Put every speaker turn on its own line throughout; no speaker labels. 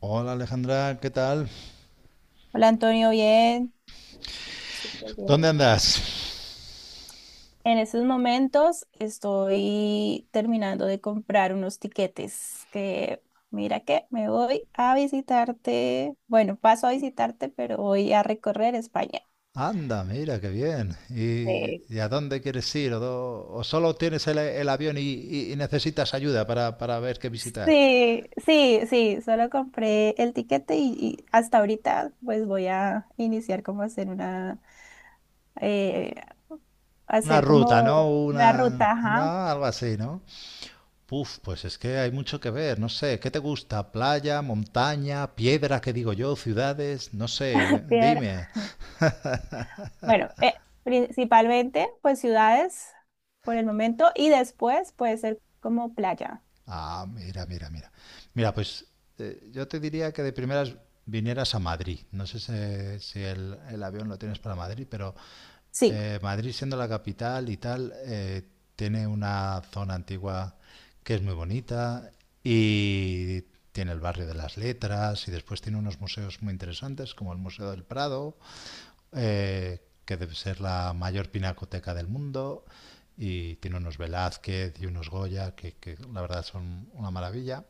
Hola Alejandra, ¿qué tal?
Hola Antonio, bien. Súper bien.
¿Dónde andas?
En estos momentos estoy terminando de comprar unos tiquetes que, mira que me voy a visitarte, bueno, paso a visitarte, pero voy a recorrer España.
Anda, mira, qué bien.
Sí.
¿Y a dónde quieres ir? ¿O solo tienes el avión y necesitas ayuda para ver qué visitar?
Sí, sí, sí, solo compré el tiquete y, hasta ahorita pues voy a iniciar como a hacer una, eh,
Una
hacer
ruta, ¿no?
como una ruta,
No,
ajá.
algo así, ¿no? Puf, pues es que hay mucho que ver, no sé. ¿Qué te gusta? ¿Playa, montaña, piedra, que digo yo, ciudades? No sé,
Piedra.
dime.
Bueno, principalmente pues ciudades por el momento y después puede ser como playa.
Ah, mira, mira, mira. Mira, pues yo te diría que de primeras vinieras a Madrid. No sé si el avión lo tienes para Madrid, pero
Sí.
Madrid siendo la capital y tal, tiene una zona antigua que es muy bonita y tiene el barrio de las letras y después tiene unos museos muy interesantes como el Museo del Prado, que debe ser la mayor pinacoteca del mundo, y tiene unos Velázquez y unos Goya que la verdad son una maravilla.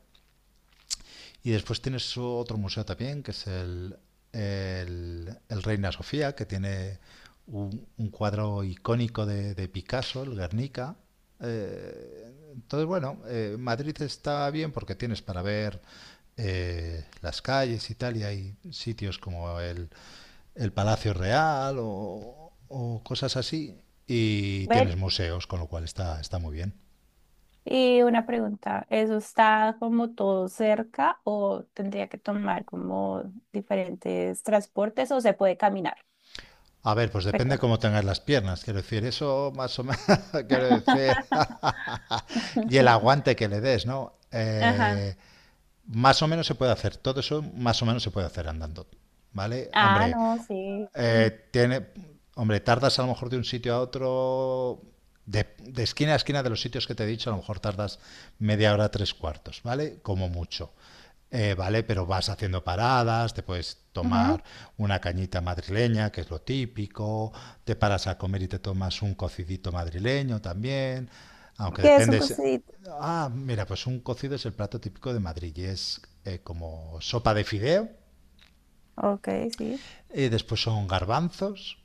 Y después tienes otro museo también que es el Reina Sofía, que tiene un cuadro icónico de Picasso, el Guernica. Entonces, bueno, Madrid está bien porque tienes para ver, las calles y tal, y hay sitios como el Palacio Real o cosas así. Y
Ver,
tienes museos, con lo cual está muy bien.
y una pregunta, ¿eso está como todo cerca o tendría que tomar como diferentes transportes o se puede caminar?
A ver, pues depende
Recuerdo.
cómo tengas las piernas, quiero decir, eso más o menos, quiero decir, y el aguante que le des, ¿no?
Ajá.
Más o menos se puede hacer, todo eso más o menos se puede hacer andando, ¿vale?
Ah,
Hombre.
no, sí.
Tiene, hombre, tardas a lo mejor de un sitio a otro, de esquina a esquina de los sitios que te he dicho, a lo mejor tardas media hora, tres cuartos, ¿vale? Como mucho. ¿Vale? Pero vas haciendo paradas, te puedes
Ujú.
tomar una cañita madrileña, que es lo típico, te paras a comer y te tomas un cocidito madrileño también, aunque
¿Qué es un
depende.
cosito?
Ah, mira, pues un cocido es el plato típico de Madrid, y es como sopa de fideo,
Ok, sí.
y después son garbanzos.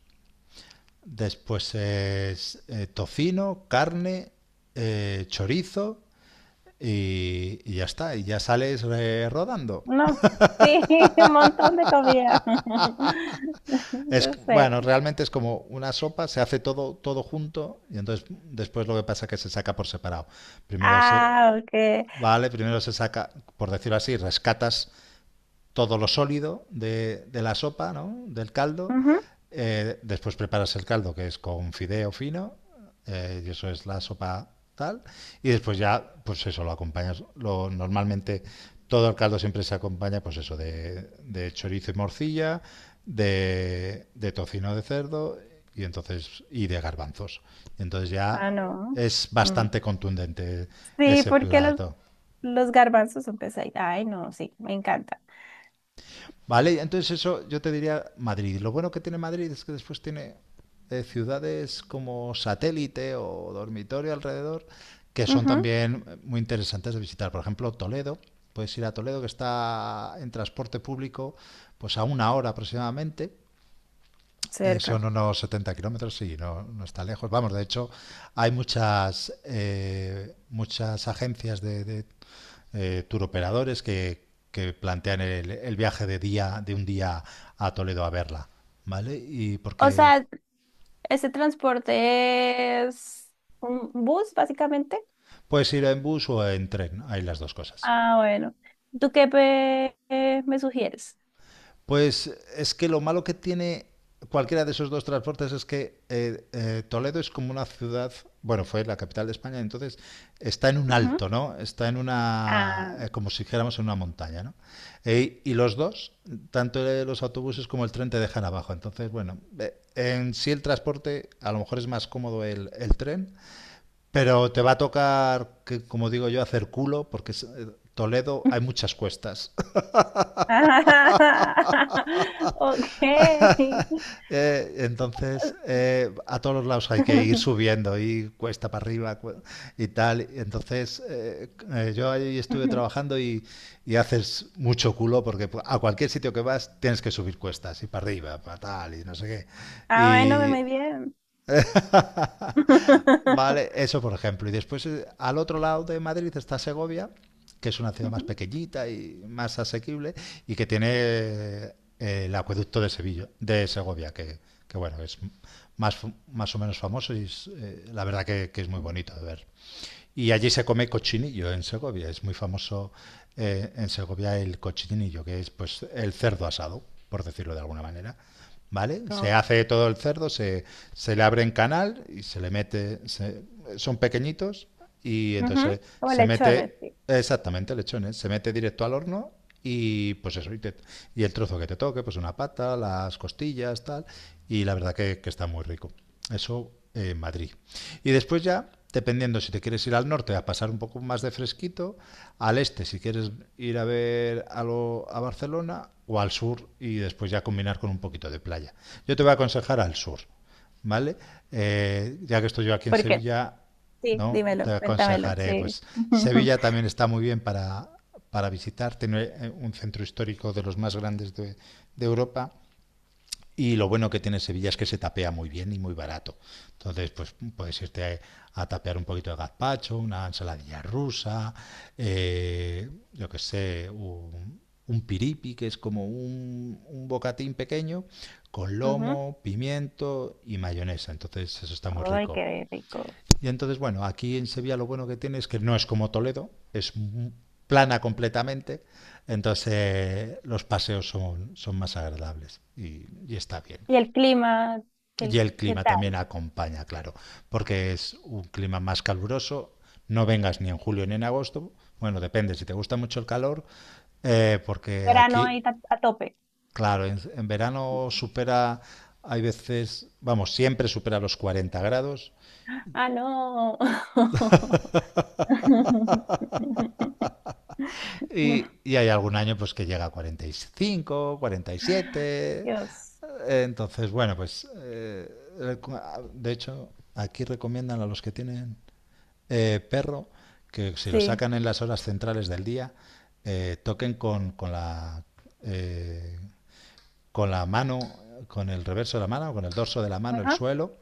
Después es tocino, carne, chorizo, y ya está. Y ya sales, rodando.
No, sí, un montón de comida.
Es,
Yo sé.
bueno, realmente es como una sopa, se hace todo, todo junto y entonces después lo que pasa es que se saca por separado. Primero se,
Ah, ok.
vale, primero se saca, por decirlo así, rescatas todo lo sólido de la sopa, ¿no? Del caldo.
Ujú.
Después preparas el caldo, que es con fideo fino, y eso es la sopa tal. Y después ya, pues eso, lo acompañas. Normalmente todo el caldo siempre se acompaña, pues eso, de chorizo y morcilla, de tocino de cerdo y entonces y de garbanzos. Entonces
Ah,
ya
no.
es
Mm.
bastante contundente
Sí,
ese
porque
plato.
los garbanzos son pesaditos. Ay, no, sí, me encanta.
Vale, entonces eso yo te diría Madrid. Lo bueno que tiene Madrid es que después tiene ciudades como satélite o dormitorio alrededor, que son
Ujú.
también muy interesantes de visitar. Por ejemplo, Toledo. Puedes ir a Toledo, que está en transporte público pues a una hora aproximadamente. Son
Cerca.
unos 70 kilómetros, sí, no, no está lejos. Vamos, de hecho, hay muchas agencias de turoperadores que plantean el viaje de un día a Toledo a verla, ¿vale? Y
O
porque
sea, ese transporte es un bus, básicamente.
puedes ir en bus o en tren, hay las dos cosas.
Ah, bueno. ¿Tú qué pe- me sugieres?
Pues es que lo malo que tiene cualquiera de esos dos transportes es que Toledo es como una ciudad, bueno, fue la capital de España, entonces está en un
Ujú.
alto, ¿no? Está en
Ah.
como si dijéramos en una montaña, ¿no? Y los dos, tanto los autobuses como el tren te dejan abajo, entonces, bueno, en sí el transporte a lo mejor es más cómodo el tren, pero te va a tocar, que, como digo yo, hacer culo, porque Toledo hay muchas cuestas.
Ok.
Entonces, a todos los lados hay que ir subiendo y cuesta para arriba, y tal. Entonces, yo ahí estuve trabajando, y haces mucho culo porque, a cualquier sitio que vas tienes que subir cuestas y para arriba, para tal y no sé qué.
Ah, bueno,
Y
muy bien.
vale, eso por ejemplo. Y después, al otro lado de Madrid está Segovia, que es una ciudad más
Ujú.
pequeñita y más asequible y que tiene, el acueducto de Sevilla, de Segovia, que bueno, es más o menos famoso y la verdad que es muy bonito de ver. Y allí se come cochinillo en Segovia. Es muy famoso, en Segovia, el cochinillo, que es pues el cerdo asado, por decirlo de alguna manera. ¿Vale? Se hace todo el cerdo, se, le abre en canal y se le mete. Son pequeñitos y
Ujú.
entonces
Como
se
lechones,
mete.
sí.
Exactamente, lechones. Se mete directo al horno y pues eso. Y el trozo que te toque, pues una pata, las costillas, tal. Y la verdad que está muy rico. Eso en Madrid. Y después ya, dependiendo si te quieres ir al norte a pasar un poco más de fresquito, al este si quieres ir a ver algo a Barcelona, o al sur y después ya combinar con un poquito de playa. Yo te voy a aconsejar al sur, ¿vale? Ya que estoy yo aquí en
¿Por qué?
Sevilla,
Sí,
¿no? Te
dímelo, cuéntamelo,
aconsejaré,
sí.
pues Sevilla también está muy bien para, visitar, tiene, un centro histórico de los más grandes de Europa, y lo bueno que tiene Sevilla es que se tapea muy bien y muy barato. Entonces, pues puedes irte a tapear un poquito de gazpacho, una ensaladilla rusa, yo que sé, un, piripi, que es como un bocatín pequeño, con
Ujú.
lomo, pimiento y mayonesa. Entonces, eso está muy
Ay,
rico.
qué rico.
Y entonces, bueno, aquí en Sevilla lo bueno que tiene es que no es como Toledo, es plana completamente, entonces, los paseos son más agradables, y está bien.
¿Y el clima? ¿Qué,
Y el
qué
clima también
tal?
acompaña, claro, porque es un clima más caluroso. No vengas ni en julio ni en agosto. Bueno, depende, si te gusta mucho el calor, porque
Verano ahí
aquí,
ta- a, tope.
claro, en verano
Ujú.
supera, hay veces, vamos, siempre supera los 40 grados.
Ah, no.
Y hay algún año pues que llega a 45, 47.
Dios.
Entonces, bueno, pues, de hecho, aquí recomiendan a los que tienen, perro, que si lo
Sí.
sacan en las horas centrales del día, toquen eh, con la mano, con el reverso de la mano, con el dorso de la mano, el
Ajá.
suelo,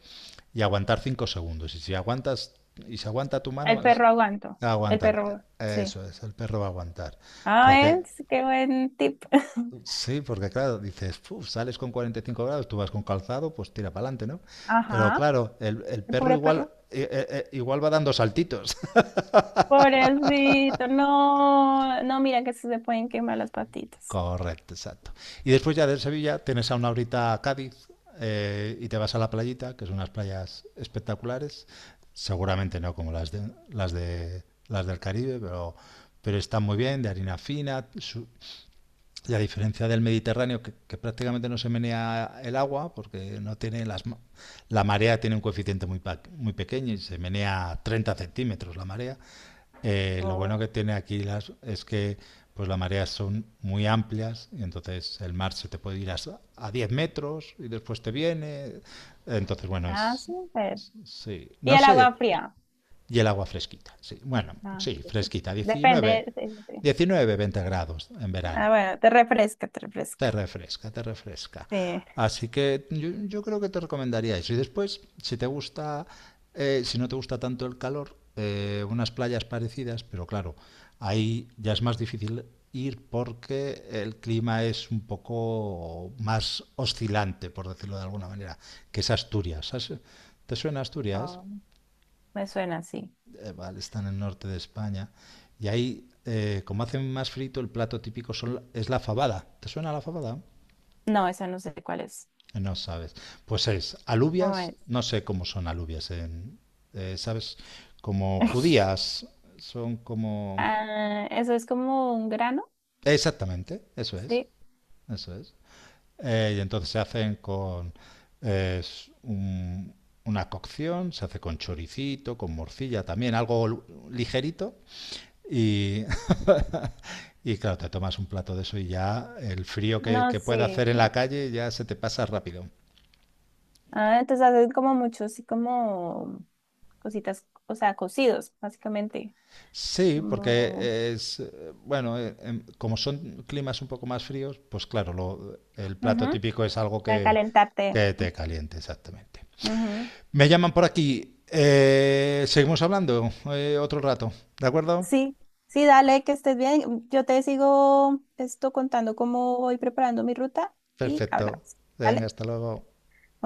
y aguantar 5 segundos. Y si aguanta tu
El
mano, es
perro aguanto. El
aguantar.
perro, sí.
Eso es, el perro va a aguantar.
Ah,
Porque,
es, qué buen tip.
sí, porque claro, dices: "Uf, sales con 45 grados, tú vas con calzado, pues tira para adelante, ¿no?". Pero
Ajá.
claro, el
El
perro
pobre
igual,
perro.
igual va dando saltitos.
Pobrecito, no, no, mira que se le pueden quemar las patitas.
Correcto, exacto. Y después ya de Sevilla tienes a una horita a Cádiz, y te vas a la playita, que son unas playas espectaculares. Seguramente no como las del Caribe, pero están muy bien, de harina fina. Y a diferencia del Mediterráneo, que prácticamente no se menea el agua, porque no tiene la marea, tiene un coeficiente muy pequeño y se menea 30 centímetros la marea, lo bueno
Oh,
que tiene aquí es que pues las mareas son muy amplias y entonces el mar se te puede ir a, 10 metros y después te viene. Entonces, bueno,
ah,
es...
súper.
Sí,
Y
no
el agua
sé.
fría.
Y el agua fresquita. Sí, bueno,
Ah,
sí,
sí, sí.
fresquita. diecinueve
Depende, sí, sí, sí.
diecinueve 20 grados en verano.
Ah, bueno, te refresca, te
Te
refresca.
refresca, te refresca.
Sí,
Así que yo creo que te recomendaría eso. Y después, si te gusta, si no te gusta tanto el calor, unas playas parecidas, pero claro, ahí ya es más difícil ir porque el clima es un poco más oscilante, por decirlo de alguna manera, que es Asturias. ¿Te suena Asturias?
oh, me suena así.
Vale, está en el norte de España. Y ahí, como hacen más frito, el plato típico es la fabada. ¿Te suena la fabada?
No, esa no sé cuál es.
No sabes. Pues es alubias,
¿Cómo es?
no sé cómo son alubias, ¿sabes? Como judías, son como.
Ah, eso es como un grano,
Exactamente, eso es,
sí.
eso es. Y entonces se hacen con eh, s- un- una cocción, se hace con choricito, con morcilla también, algo ligerito. Y, y claro, te tomas un plato de eso y ya el frío
No,
que puede
sí.
hacer en la calle ya se te pasa rápido.
Ah, entonces hacen como muchos así como cositas, o sea, cocidos, básicamente.
Sí,
Como...
porque bueno, como son climas un poco más fríos, pues claro, el plato
ujú.
típico es algo
Para
que,
calentarte.
que te caliente, exactamente.
Ujú.
Me llaman por aquí. Seguimos hablando, otro rato, ¿de acuerdo?
Sí, sí, dale, que estés bien. Yo te sigo esto contando cómo voy preparando mi ruta y
Perfecto.
hablamos.
Venga,
¿Vale?
hasta luego.